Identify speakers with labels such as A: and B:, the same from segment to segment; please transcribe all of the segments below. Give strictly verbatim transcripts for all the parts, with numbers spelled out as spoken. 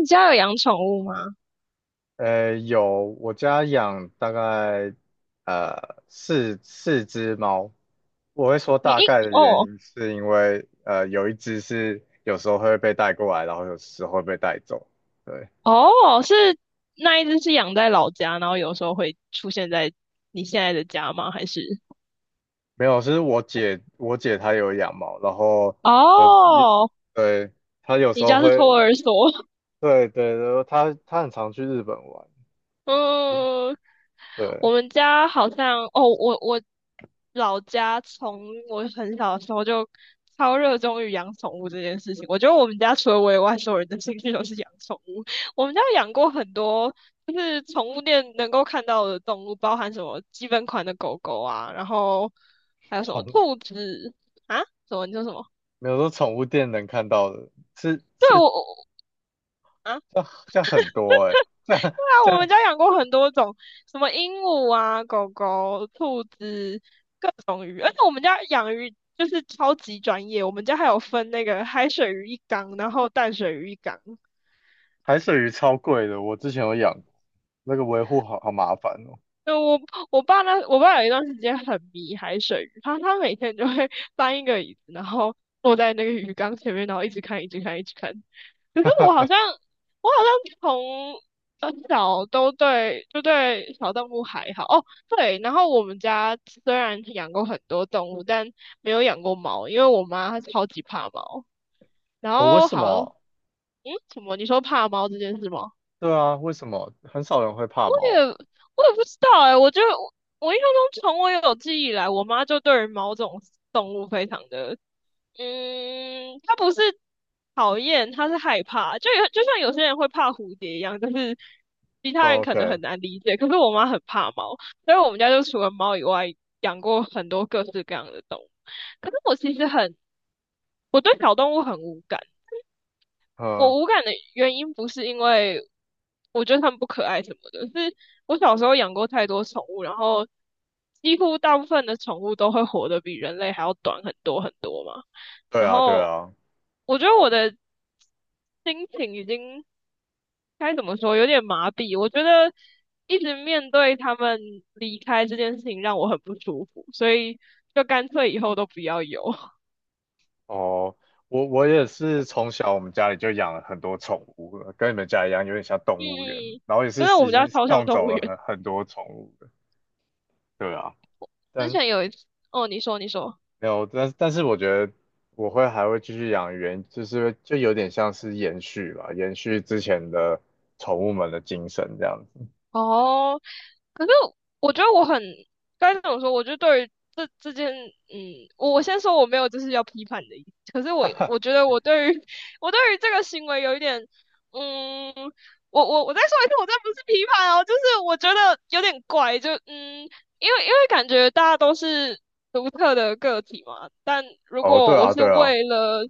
A: 你家有养宠物吗？
B: 呃，有，我家养大概呃四四只猫。我会说
A: 你
B: 大
A: 一
B: 概的原
A: 哦
B: 因是因为呃有一只是有时候会被带过来，然后有时候会被带走。对，
A: 哦，是，那一只是养在老家，然后有时候会出现在你现在的家吗？还是
B: 没有，是我姐，我姐她有养猫，然后有一，
A: 哦，
B: 对，她有时
A: 你
B: 候
A: 家是托
B: 会，
A: 儿所？
B: 对对，然后她她很常去日本玩。
A: 嗯，我
B: 对，
A: 们家好像哦，我我老家从我很小的时候就超热衷于养宠物这件事情。我觉得我们家除了我以外，所有人的兴趣都是养宠物。我们家养过很多，就是宠物店能够看到的动物，包含什么基本款的狗狗啊，然后还有什么
B: 宠，
A: 兔子啊。什么？你说什么？
B: 没有说宠物店能看到的，是
A: 对，
B: 是，
A: 我我啊。
B: 这这很多哎、样
A: 啊，
B: 这
A: 我们
B: 样
A: 家养过很多种，什么鹦鹉啊、狗狗、兔子，各种鱼。而且我们家养鱼就是超级专业，我们家还有分那个海水鱼一缸，然后淡水鱼一缸。
B: 海水鱼超贵的，我之前有养过那个维护好好麻烦哦。
A: 对，我我爸那我爸有一段时间很迷海水浴，他他每天就会 搬一个椅子，然后坐在那个鱼缸前面，然后一直看，一直看，一直看。可是我好像 我好像从很小都对就对小动物还好哦，对。然后我们家虽然养过很多动物，但没有养过猫，因为我妈她超级怕猫。然
B: 哦，为
A: 后
B: 什
A: 好，嗯，
B: 么？
A: 什么？你说怕猫这件事吗？
B: 对啊，为什么很少人会怕
A: 我也
B: 猫
A: 我也不知道哎、我就我我印象中从我有记忆以来，我妈就对于某种动物非常的，嗯，她不是讨厌，她是害怕，就有就像有些人会怕蝴蝶一样，但是其他
B: 哦
A: 人可能
B: ？OK，
A: 很难理解，可是我妈很怕猫，所以我们家就除了猫以外，养过很多各式各样的动物。可是我其实很，我对小动物很无感。
B: 嗯，
A: 我无感的原因不是因为我觉得它们不可爱什么的，是我小时候养过太多宠物，然后几乎大部分的宠物都会活得比人类还要短很多很多嘛。
B: 对
A: 然
B: 啊，对
A: 后
B: 啊。
A: 我觉得我的心情已经该怎么说，有点麻痹。我觉得一直面对它们离开这件事情让我很不舒服，所以就干脆以后都不要有。
B: 哦，我我也是从小我们家里就养了很多宠物了跟你们家一样，有点像
A: 嗯，
B: 动物园，
A: 嗯
B: 然后也是
A: 真的，我
B: 已
A: 们家
B: 经
A: 超像
B: 送
A: 动
B: 走
A: 物
B: 了
A: 园。
B: 很很多宠物了。对啊，
A: 之
B: 但
A: 前有一次，哦，你说，你说。
B: 没有，但但是我觉得我会还会继续养，原，就是就有点像是延续吧，延续之前的宠物们的精神这样子。
A: 哦，可是我觉得我很该怎么说？我就对于这这件，嗯，我我先说我没有就是要批判的意思。可是我我觉得我对于 我对于这个行为有一点，嗯，我我我再说一次，我这不是批判哦，就是我觉得有点怪，就嗯，因为因为感觉大家都是独特的个体嘛，但如
B: 哦，对
A: 果我
B: 啊，
A: 是
B: 对啊，
A: 为了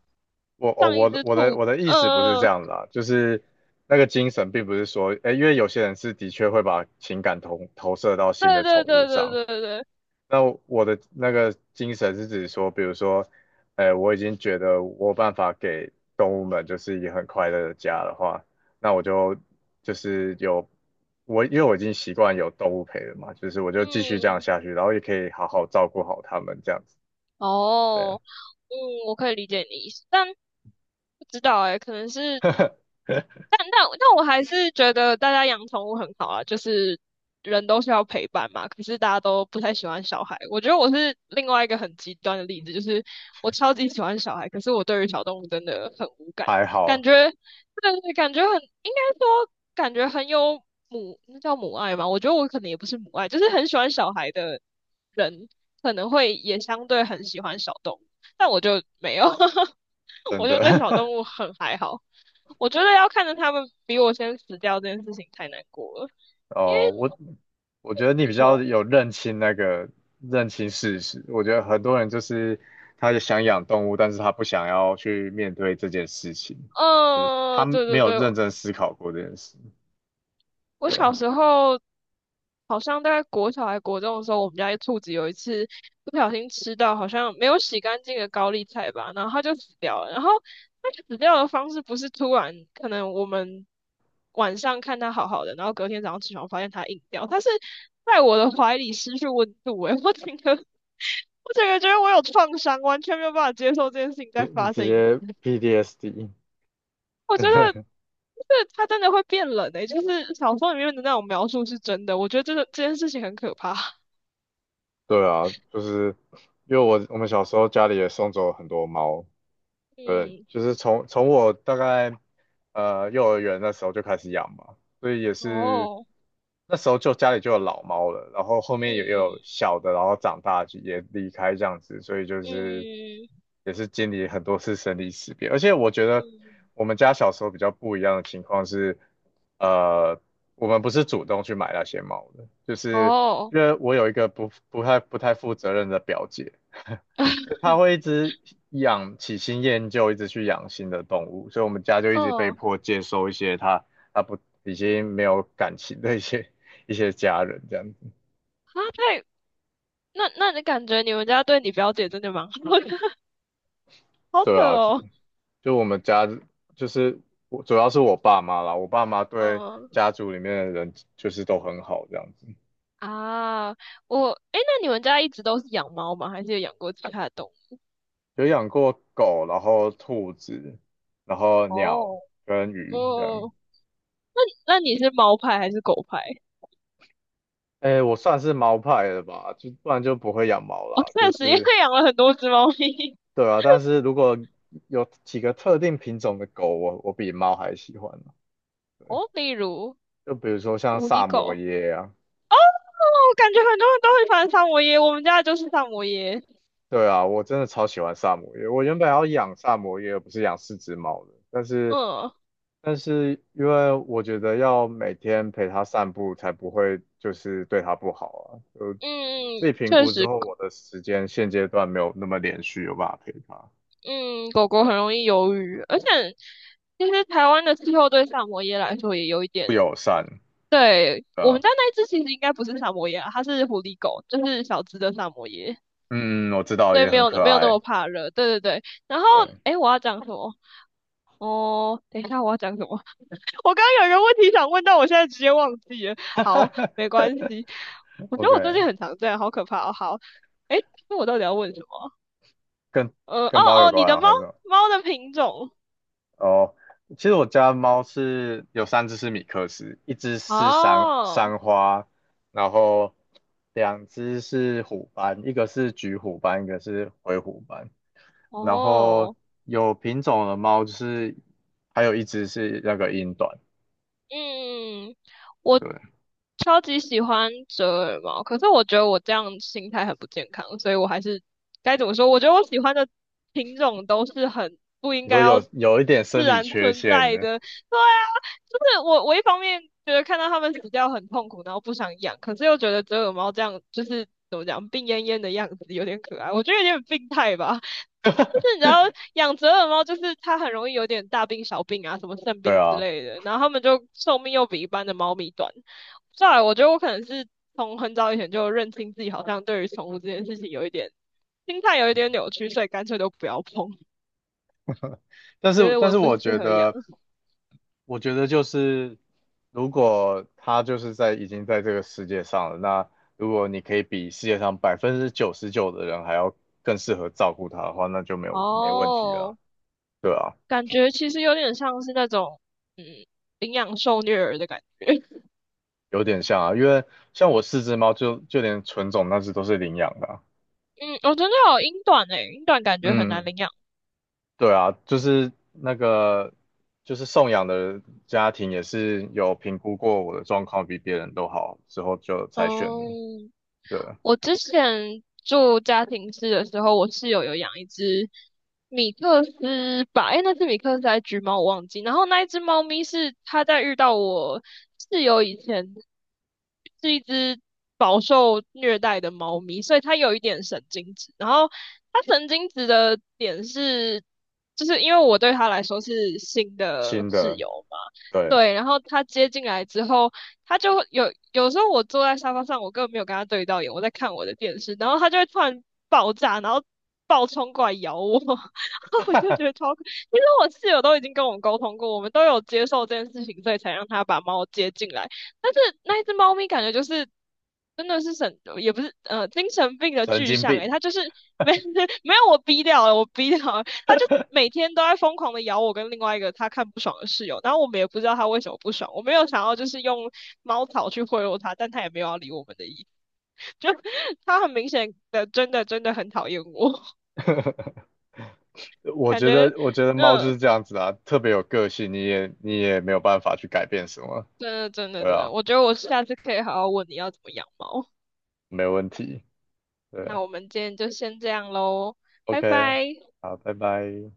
B: 我哦
A: 上一
B: 我的
A: 只
B: 我
A: 兔
B: 的
A: 子。
B: 我的意思不是这
A: 呃，
B: 样啦，就是那个精神并不是说，诶，因为有些人是的确会把情感投投射到新的
A: 对
B: 宠
A: 对
B: 物
A: 对
B: 上，
A: 对对对，
B: 那我的那个精神是指说，比如说，诶，我已经觉得我有办法给动物们就是一个很快乐的家的话，那我就就是有，我，因为我已经习惯有动物陪了嘛，就是我就继续这样
A: 嗯，
B: 下去，然后也可以好好照顾好它们这样子。对啊，
A: 哦。嗯，我可以理解你的意思，但不知道哎、可能是但但但我还是觉得大家养宠物很好啊，就是人都是要陪伴嘛。可是大家都不太喜欢小孩，我觉得我是另外一个很极端的例子，就是我超级喜欢小孩，可是我对于小动物真的很无感，
B: 还
A: 感
B: 好，
A: 觉对的是感觉很，应该说感觉很有母，那叫母爱嘛？我觉得我可能也不是母爱，就是很喜欢小孩的人，可能会也相对很喜欢小动物，但我就没有。
B: 真
A: 我就
B: 的。
A: 对小 动物很还好。我觉得要看着他们比我先死掉这件事情太难过了，因为
B: 哦，我我觉得你
A: 你
B: 比较
A: 说，
B: 有认清那个认清事实。我觉得很多人就是他也想养动物，但是他不想要去面对这件事情，就是
A: 嗯
B: 他
A: 呃，对
B: 没
A: 对
B: 有
A: 对，
B: 认真思考过这件事。
A: 我小
B: 对，
A: 时候好像大概国小还国中的时候，我们家一兔子有一次不小心吃到好像没有洗干净的高丽菜吧，然后它就死掉了。然后它死掉的方式不是突然，可能我们晚上看它好好的，然后隔天早上起床发现它硬掉，它是在我的怀里失去温度、欸。我整个我整个觉得我有创伤，完全没有办法接受这件事情
B: 你
A: 再
B: 你
A: 发
B: 直
A: 生一
B: 接
A: 次。
B: p d s d
A: 我觉得 就是它真的会变冷诶、就是小说里面的那种描述是真的。我觉得这个这件事情很可怕。
B: 对啊，就是因为我我们小时候家里也送走很多猫，对，
A: 嗯，
B: 就是从从我大概呃幼儿园那时候就开始养嘛，所以也是
A: 哦，
B: 那时候就家里就有老猫了，然后后
A: 嗯
B: 面也有
A: 嗯
B: 小的，然后长大就也离开这样子，所以就是
A: 嗯
B: 也是经历很多次生离死别。而且我觉得
A: 嗯，
B: 我们家小时候比较不一样的情况是，呃，我们不是主动去买那些猫的，就是
A: 哦，
B: 因为我有一个不不太不太负责任的表姐。所以它会一直养起新厌旧，一直去养新的动物，所以我们家就一直被
A: 哦，
B: 迫接收一些他他不已经没有感情的一些一些家人这样子。
A: 啊，太，那那你感觉你们家对你表姐真的蛮好的，好扯
B: 对啊，就
A: 哦。
B: 就我们家就是我主要是我爸妈啦，我爸妈 对
A: 嗯
B: 家族里面的人就是都很好这样子，
A: 啊，我，诶，那你们家一直都是养猫吗？还是有养过其他的动物？
B: 有养过狗，然后兔子，然后鸟
A: 哦，
B: 跟鱼这样。
A: 哦，那那你是猫派还是狗派？
B: 哎，我算是猫派的吧，就不然就不会养猫
A: 哦，
B: 啦，就
A: 确实，因为
B: 是。
A: 养了很多只猫咪。
B: 对啊，但是如果有几个特定品种的狗，我我比猫还喜欢呢，
A: 哦，例如
B: 就比如说像
A: 狐
B: 萨
A: 狸
B: 摩
A: 狗。
B: 耶啊，
A: 哦，感觉很多人都会喜欢萨摩耶，我们家的就是萨摩耶。
B: 对啊，我真的超喜欢萨摩耶。我原本要养萨摩耶，而不是养四只猫的，但是
A: 嗯，
B: 但是因为我觉得要每天陪它散步，才不会就是对它不好啊。就我自己
A: 嗯，
B: 评
A: 确
B: 估之
A: 实，
B: 后，我的时间现阶段没有那么连续，有办法陪它，
A: 嗯，狗狗很容易忧郁，而且其实台湾的气候对萨摩耶来说也有一
B: 不
A: 点。
B: 友善，
A: 对，
B: 对
A: 我们
B: 啊，
A: 家那一只其实应该不是萨摩耶啊，它是狐狸狗，就是小只的萨摩耶，
B: 嗯，我知道，
A: 所以
B: 也
A: 没
B: 很
A: 有
B: 可
A: 没有那
B: 爱，
A: 么怕热。对对对，然后
B: 对。
A: 诶，我要讲什么？哦，等一下我要讲什么？我刚刚有一个问题想问，但我现在直接忘记了。好，没关系。我觉得我最
B: OK，
A: 近很常这样，好可怕哦。好，诶，那我到底要问什么？
B: 跟
A: 呃，
B: 跟
A: 哦
B: 猫有
A: 哦，你
B: 关
A: 的
B: 啊，
A: 猫
B: 还是什么
A: 猫的品种。
B: 哦，其实我家猫是有三只是米克斯，一只是三
A: 哦
B: 三花，然后两只是虎斑，一个是橘虎斑，一个是灰虎斑。然后
A: 哦，
B: 有品种的猫就是还有一只是那个英短。
A: 嗯，嗯我
B: 对，
A: 超级喜欢折耳猫，可是我觉得我这样心态很不健康，所以我还是该怎么说？我觉得我喜欢的品种都是很不应
B: 你
A: 该
B: 说
A: 要
B: 有有一点
A: 自
B: 生理
A: 然
B: 缺
A: 存
B: 陷
A: 在
B: 的，
A: 的。对啊，就是我我一方面觉得看到它们死掉很痛苦，然后不想养，可是又觉得折耳猫这样就是怎么讲病恹恹的样子有点可爱，我觉得有点病态吧。就 是你知道养折耳猫，就是它很容易有点大病小病啊，什么肾
B: 对
A: 病之
B: 啊，
A: 类的，然后它们就寿命又比一般的猫咪短。再来，我觉得我可能是从很早以前就认清自己，好像对于宠物这件事情有一点心态有一点扭曲，所以干脆都不要碰，
B: 但是
A: 觉得
B: 但
A: 我
B: 是
A: 不
B: 我
A: 适
B: 觉
A: 合养。
B: 得。我觉得就是，如果他就是在已经在这个世界上了，那如果你可以比世界上百分之九十九的人还要更适合照顾它的话，那就没有没问题了，
A: 哦，
B: 对啊，
A: 感觉其实有点像是那种嗯领养受虐儿的感觉。
B: 有点像啊，因为像我四只猫就就连纯种那只都是领养的啊
A: 嗯，我真的有英短诶、欸英短感觉很难
B: 嗯，
A: 领养。
B: 对啊，就是那个就是送养的家庭也是有评估过我的状况比别人都好之后就才选
A: 哦，
B: 的，对啊，
A: 我之前住家庭式的时候，我室友有养一只米克斯吧，诶，那只米克斯还是橘猫，我忘记。然后那一只猫咪是它在遇到我室友以前是一只饱受虐待的猫咪，所以它有一点神经质。然后它神经质的点是，就是因为我对它来说是新的
B: 新
A: 室
B: 的，
A: 友嘛，
B: 对，
A: 对。然后它接进来之后。他就会有有时候我坐在沙发上，我根本没有跟他对到眼，我在看我的电视，然后他就会突然爆炸，然后暴冲过来咬我。然后我就觉得超可。其实我室友都已经跟我们沟通过，我们都有接受这件事情，所以才让他把猫接进来。但是那一只猫咪感觉就是真的是神，也不是呃精神病 的
B: 神
A: 具
B: 经
A: 象
B: 病。
A: 诶、它就是没 没有，我逼掉了，我逼掉了，他就每天都在疯狂的咬我跟另外一个他看不爽的室友，然后我们也不知道他为什么不爽，我没有想要就是用猫草去贿赂他，但他也没有要理我们的意，就他很明显的真的真的很讨厌我，
B: 我
A: 感
B: 觉得，
A: 觉
B: 我觉得猫就是
A: 嗯，
B: 这样子啊，特别有个性，你也你也没有办法去改变什么，
A: 真的真的
B: 对
A: 真的，
B: 啊，
A: 我觉得我下次可以好好问你要怎么养猫。
B: 没问题，对
A: 那
B: 啊
A: 我们今天就先这样喽，拜
B: ，OK，
A: 拜。
B: 好，拜拜。